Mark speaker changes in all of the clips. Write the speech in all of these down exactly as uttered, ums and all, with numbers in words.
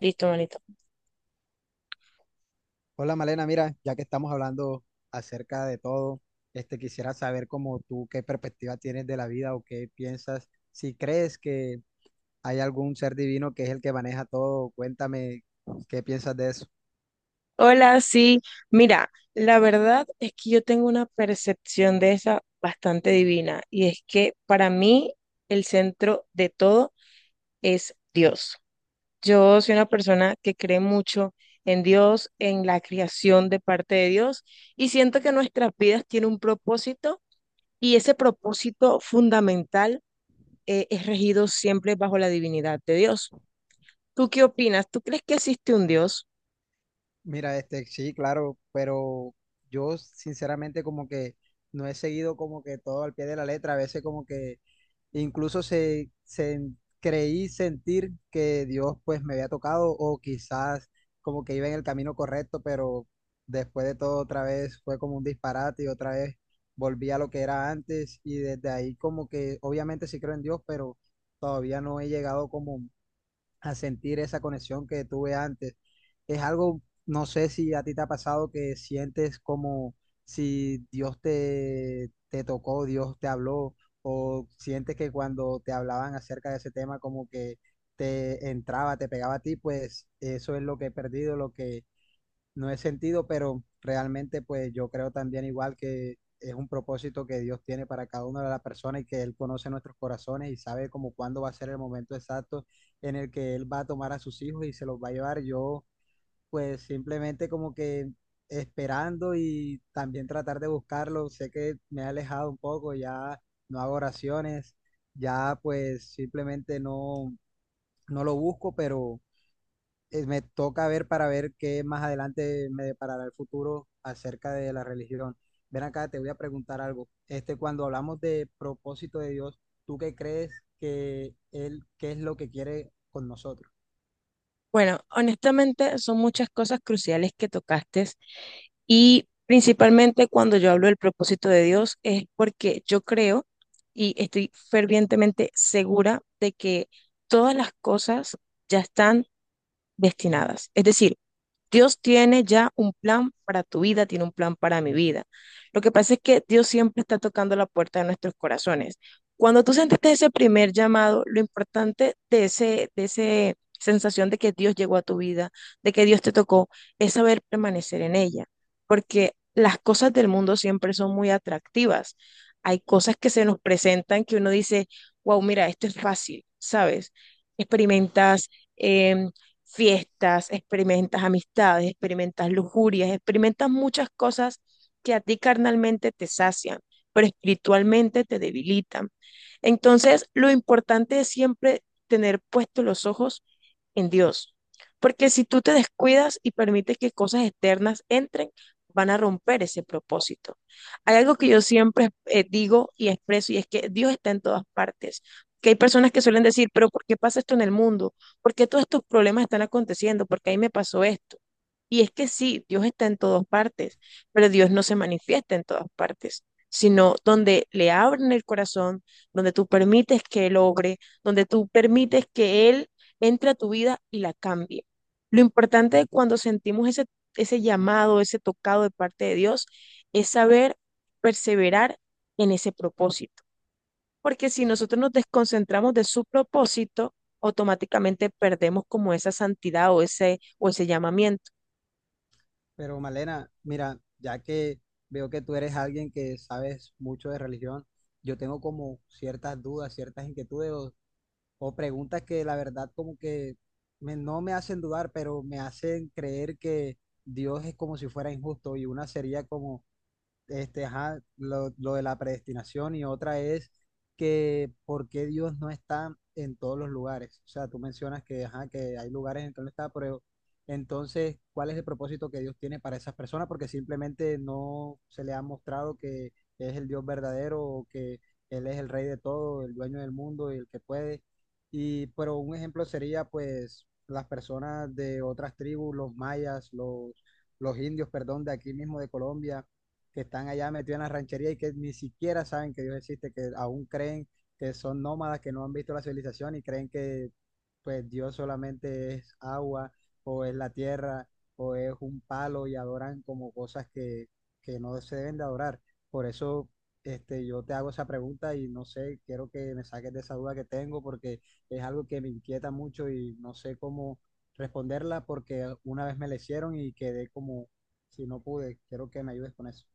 Speaker 1: Listo, manito.
Speaker 2: Hola Malena, mira, ya que estamos hablando acerca de todo, este quisiera saber como tú qué perspectiva tienes de la vida o qué piensas, si crees que hay algún ser divino que es el que maneja todo, cuéntame qué piensas de eso.
Speaker 1: Hola, sí. Mira, la verdad es que yo tengo una percepción de esa bastante divina y es que para mí el centro de todo es Dios. Yo soy una persona que cree mucho en Dios, en la creación de parte de Dios y siento que nuestras vidas tienen un propósito y ese propósito fundamental. eh, es regido siempre bajo la divinidad de Dios. ¿Tú qué opinas? ¿Tú crees que existe un Dios?
Speaker 2: Mira, este, sí, claro, pero yo sinceramente como que no he seguido como que todo al pie de la letra, a veces como que incluso se, se creí sentir que Dios pues me había tocado o quizás como que iba en el camino correcto, pero después de todo otra vez fue como un disparate y otra vez volví a lo que era antes y desde ahí como que obviamente sí creo en Dios, pero todavía no he llegado como a sentir esa conexión que tuve antes. Es algo, no sé si a ti te ha pasado que sientes como si Dios te, te tocó, Dios te habló, o sientes que cuando te hablaban acerca de ese tema como que te entraba, te pegaba a ti, pues eso es lo que he perdido, lo que no he sentido, pero realmente pues yo creo también igual que es un propósito que Dios tiene para cada una de las personas y que Él conoce nuestros corazones y sabe como cuándo va a ser el momento exacto en el que Él va a tomar a sus hijos y se los va a llevar. Yo pues simplemente como que esperando y también tratar de buscarlo. Sé que me he alejado un poco, ya no hago oraciones, ya pues simplemente no, no lo busco, pero eh, me toca ver para ver qué más adelante me deparará el futuro acerca de la religión. Ven acá, te voy a preguntar algo. Este, cuando hablamos de propósito de Dios, ¿tú qué crees que Él, qué es lo que quiere con nosotros?
Speaker 1: Bueno, honestamente son muchas cosas cruciales que tocaste y principalmente cuando yo hablo del propósito de Dios es porque yo creo y estoy fervientemente segura de que todas las cosas ya están destinadas. Es decir, Dios tiene ya un plan para tu vida, tiene un plan para mi vida. Lo que pasa es que Dios siempre está tocando la puerta de nuestros corazones. Cuando tú sentiste ese primer llamado, lo importante de ese, de ese sensación de que Dios llegó a tu vida, de que Dios te tocó, es saber permanecer en ella, porque las cosas del mundo siempre son muy atractivas. Hay cosas que se nos presentan que uno dice, wow, mira, esto es fácil, ¿sabes? Experimentas em, fiestas, experimentas amistades, experimentas lujurias, experimentas muchas cosas que a ti carnalmente te sacian, pero espiritualmente te debilitan. Entonces, lo importante es siempre tener puestos los ojos en Dios. Porque si tú te descuidas y permites que cosas externas entren, van a romper ese propósito. Hay algo que yo siempre eh, digo y expreso y es que Dios está en todas partes. Que hay personas que suelen decir, pero ¿por qué pasa esto en el mundo? ¿Por qué todos estos problemas están aconteciendo? ¿Por qué ahí me pasó esto? Y es que sí, Dios está en todas partes, pero Dios no se manifiesta en todas partes, sino donde le abren el corazón, donde tú permites que él logre, donde tú permites que Él entre a tu vida y la cambie. Lo importante de cuando sentimos ese, ese llamado, ese tocado de parte de Dios, es saber perseverar en ese propósito. Porque si nosotros nos desconcentramos de su propósito, automáticamente perdemos como esa santidad o ese, o ese llamamiento.
Speaker 2: Pero Malena, mira, ya que veo que tú eres alguien que sabes mucho de religión, yo tengo como ciertas dudas, ciertas inquietudes o preguntas que la verdad como que me- no me hacen dudar, pero me hacen creer que Dios es como si fuera injusto y una sería como este, ajá, lo, lo de la predestinación y otra es que por qué Dios no está en todos los lugares. O sea, tú mencionas que, ajá, que hay lugares en que no está, pero entonces, ¿cuál es el propósito que Dios tiene para esas personas? Porque simplemente no se le ha mostrado que es el Dios verdadero o que Él es el rey de todo, el dueño del mundo y el que puede. Y, pero un ejemplo sería, pues, las personas de otras tribus, los mayas, los, los indios, perdón, de aquí mismo de Colombia que están allá metidos en la ranchería y que ni siquiera saben que Dios existe, que aún creen que son nómadas, que no han visto la civilización y creen que pues Dios solamente es agua o es la tierra o es un palo y adoran como cosas que, que no se deben de adorar. Por eso este, yo te hago esa pregunta y no sé, quiero que me saques de esa duda que tengo porque es algo que me inquieta mucho y no sé cómo responderla porque una vez me la hicieron y quedé como si no pude. Quiero que me ayudes con eso.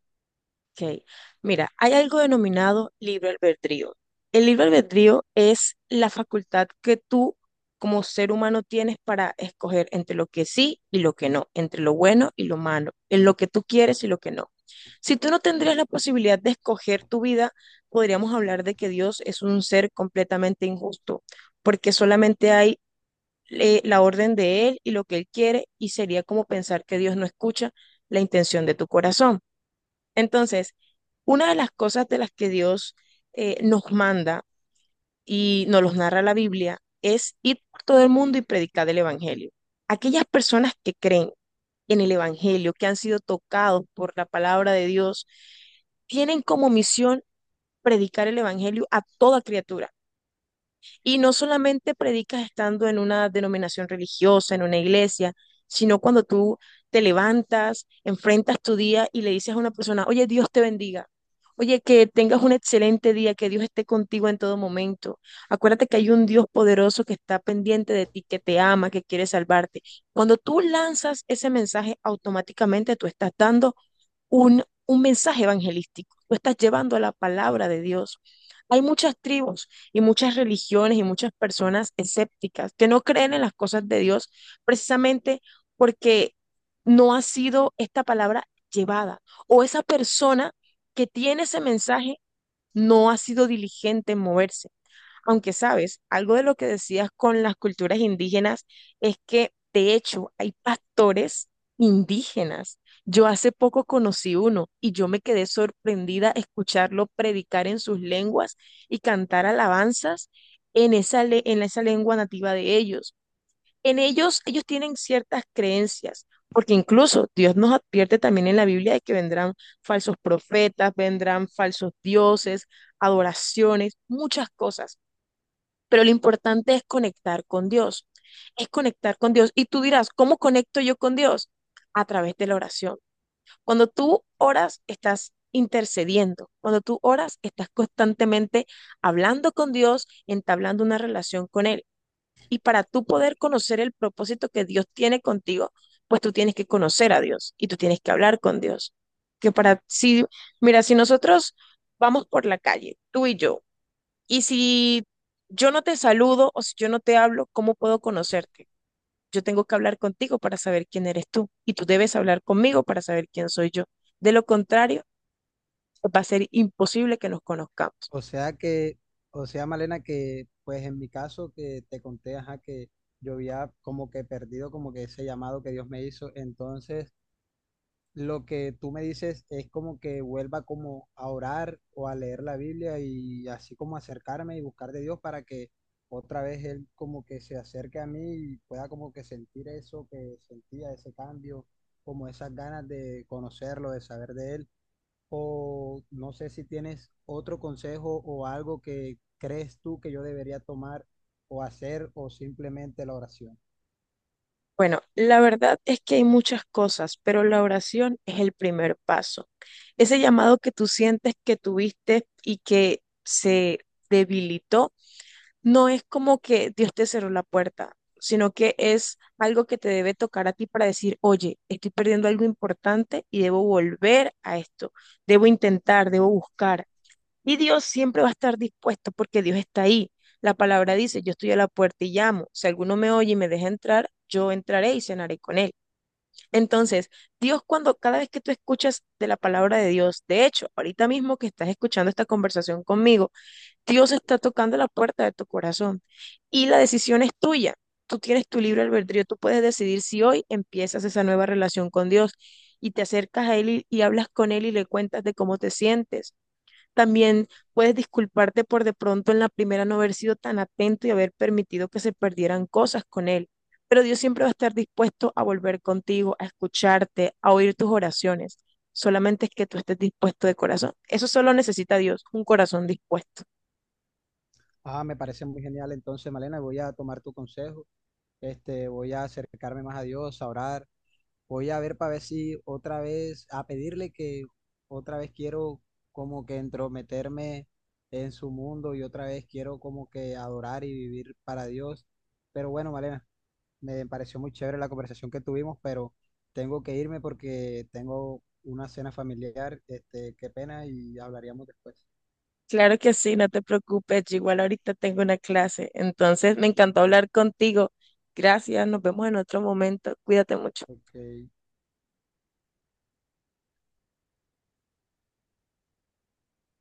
Speaker 1: Ok, mira, hay algo denominado libre albedrío. El libre albedrío es la facultad que tú como ser humano tienes para escoger entre lo que sí y lo que no, entre lo bueno y lo malo, en lo que tú quieres y lo que no. Si tú no tendrías la posibilidad de escoger tu vida, podríamos hablar de que Dios es un ser completamente injusto, porque solamente hay eh, la orden de Él y lo que Él quiere, y sería como pensar que Dios no escucha la intención de tu corazón. Entonces, una de las cosas de las que Dios eh, nos manda y nos los narra la Biblia es ir por todo el mundo y predicar el Evangelio. Aquellas personas que creen en el Evangelio, que han sido tocados por la palabra de Dios, tienen como misión predicar el Evangelio a toda criatura y no solamente predicas estando en una denominación religiosa, en una iglesia, sino cuando tú te levantas, enfrentas tu día y le dices a una persona, oye, Dios te bendiga. Oye, que tengas un excelente día, que Dios esté contigo en todo momento. Acuérdate que hay un Dios poderoso que está pendiente de ti, que te ama, que quiere salvarte. Cuando tú lanzas ese mensaje, automáticamente tú estás dando un, un mensaje evangelístico, tú estás llevando la palabra de Dios. Hay muchas tribus y muchas religiones y muchas personas escépticas que no creen en las cosas de Dios precisamente porque no ha sido esta palabra llevada o esa persona que tiene ese mensaje no ha sido diligente en moverse. Aunque sabes, algo de lo que decías con las culturas indígenas es que, de hecho, hay pastores indígenas. Yo hace poco conocí uno y yo me quedé sorprendida escucharlo predicar en sus lenguas y cantar alabanzas en esa, le- en esa lengua nativa de ellos. En ellos, ellos tienen ciertas creencias, porque incluso Dios nos advierte también en la Biblia de que vendrán falsos profetas, vendrán falsos dioses, adoraciones, muchas cosas pero lo importante es conectar con Dios, es conectar con Dios. Y tú dirás, ¿cómo conecto yo con Dios? A través de la oración. Cuando tú oras, estás intercediendo. Cuando tú oras, estás constantemente hablando con Dios, entablando una relación con Él. Y para tú poder conocer el propósito que Dios tiene contigo, pues tú tienes que conocer a Dios y tú tienes que hablar con Dios. Que para si, mira, si nosotros vamos por la calle, tú y yo, y si yo no te saludo o si yo no te hablo, ¿cómo puedo conocerte? Yo tengo que hablar contigo para saber quién eres tú y tú debes hablar conmigo para saber quién soy yo. De lo contrario, va a ser imposible que nos conozcamos.
Speaker 2: O sea que, o sea, Malena, que pues en mi caso que te conté, ajá, que yo había como que perdido como que ese llamado que Dios me hizo. Entonces, lo que tú me dices es como que vuelva como a orar o a leer la Biblia y así como acercarme y buscar de Dios para que otra vez Él como que se acerque a mí y pueda como que sentir eso que sentía, ese cambio, como esas ganas de conocerlo, de saber de Él o no sé si tienes otro consejo o algo que crees tú que yo debería tomar o hacer o simplemente la oración.
Speaker 1: Bueno, la verdad es que hay muchas cosas, pero la oración es el primer paso. Ese llamado que tú sientes que tuviste y que se debilitó, no es como que Dios te cerró la puerta, sino que es algo que te debe tocar a ti para decir, oye, estoy perdiendo algo importante y debo volver a esto, debo intentar, debo buscar. Y Dios siempre va a estar dispuesto porque Dios está ahí. La palabra dice, yo estoy a la puerta y llamo. Si alguno me oye y me deja entrar, yo entraré y cenaré con él. Entonces, Dios cuando cada vez que tú escuchas de la palabra de Dios, de hecho, ahorita mismo que estás escuchando esta conversación conmigo, Dios está tocando la puerta de tu corazón y la decisión es tuya. Tú tienes tu libre albedrío, tú puedes decidir si hoy empiezas esa nueva relación con Dios y te acercas a Él y, y hablas con Él y le cuentas de cómo te sientes también puedes disculparte por de pronto en la primera no haber sido tan atento y haber permitido que se perdieran cosas con Él. Pero Dios siempre va a estar dispuesto a volver contigo, a escucharte, a oír tus oraciones. Solamente es que tú estés dispuesto de corazón. Eso solo necesita Dios, un corazón dispuesto.
Speaker 2: Ah, me parece muy genial. Entonces, Malena, voy a tomar tu consejo. Este, voy a acercarme más a Dios, a orar, voy a ver para ver si otra vez, a pedirle que otra vez quiero como que entrometerme en su mundo y otra vez quiero como que adorar y vivir para Dios. Pero bueno, Malena, me pareció muy chévere la conversación que tuvimos, pero tengo que irme porque tengo una cena familiar. Este, qué pena y hablaríamos después.
Speaker 1: Claro que sí, no te preocupes. Yo igual ahorita tengo una clase. Entonces, me encantó hablar contigo. Gracias, nos vemos en otro momento. Cuídate mucho.
Speaker 2: Ok.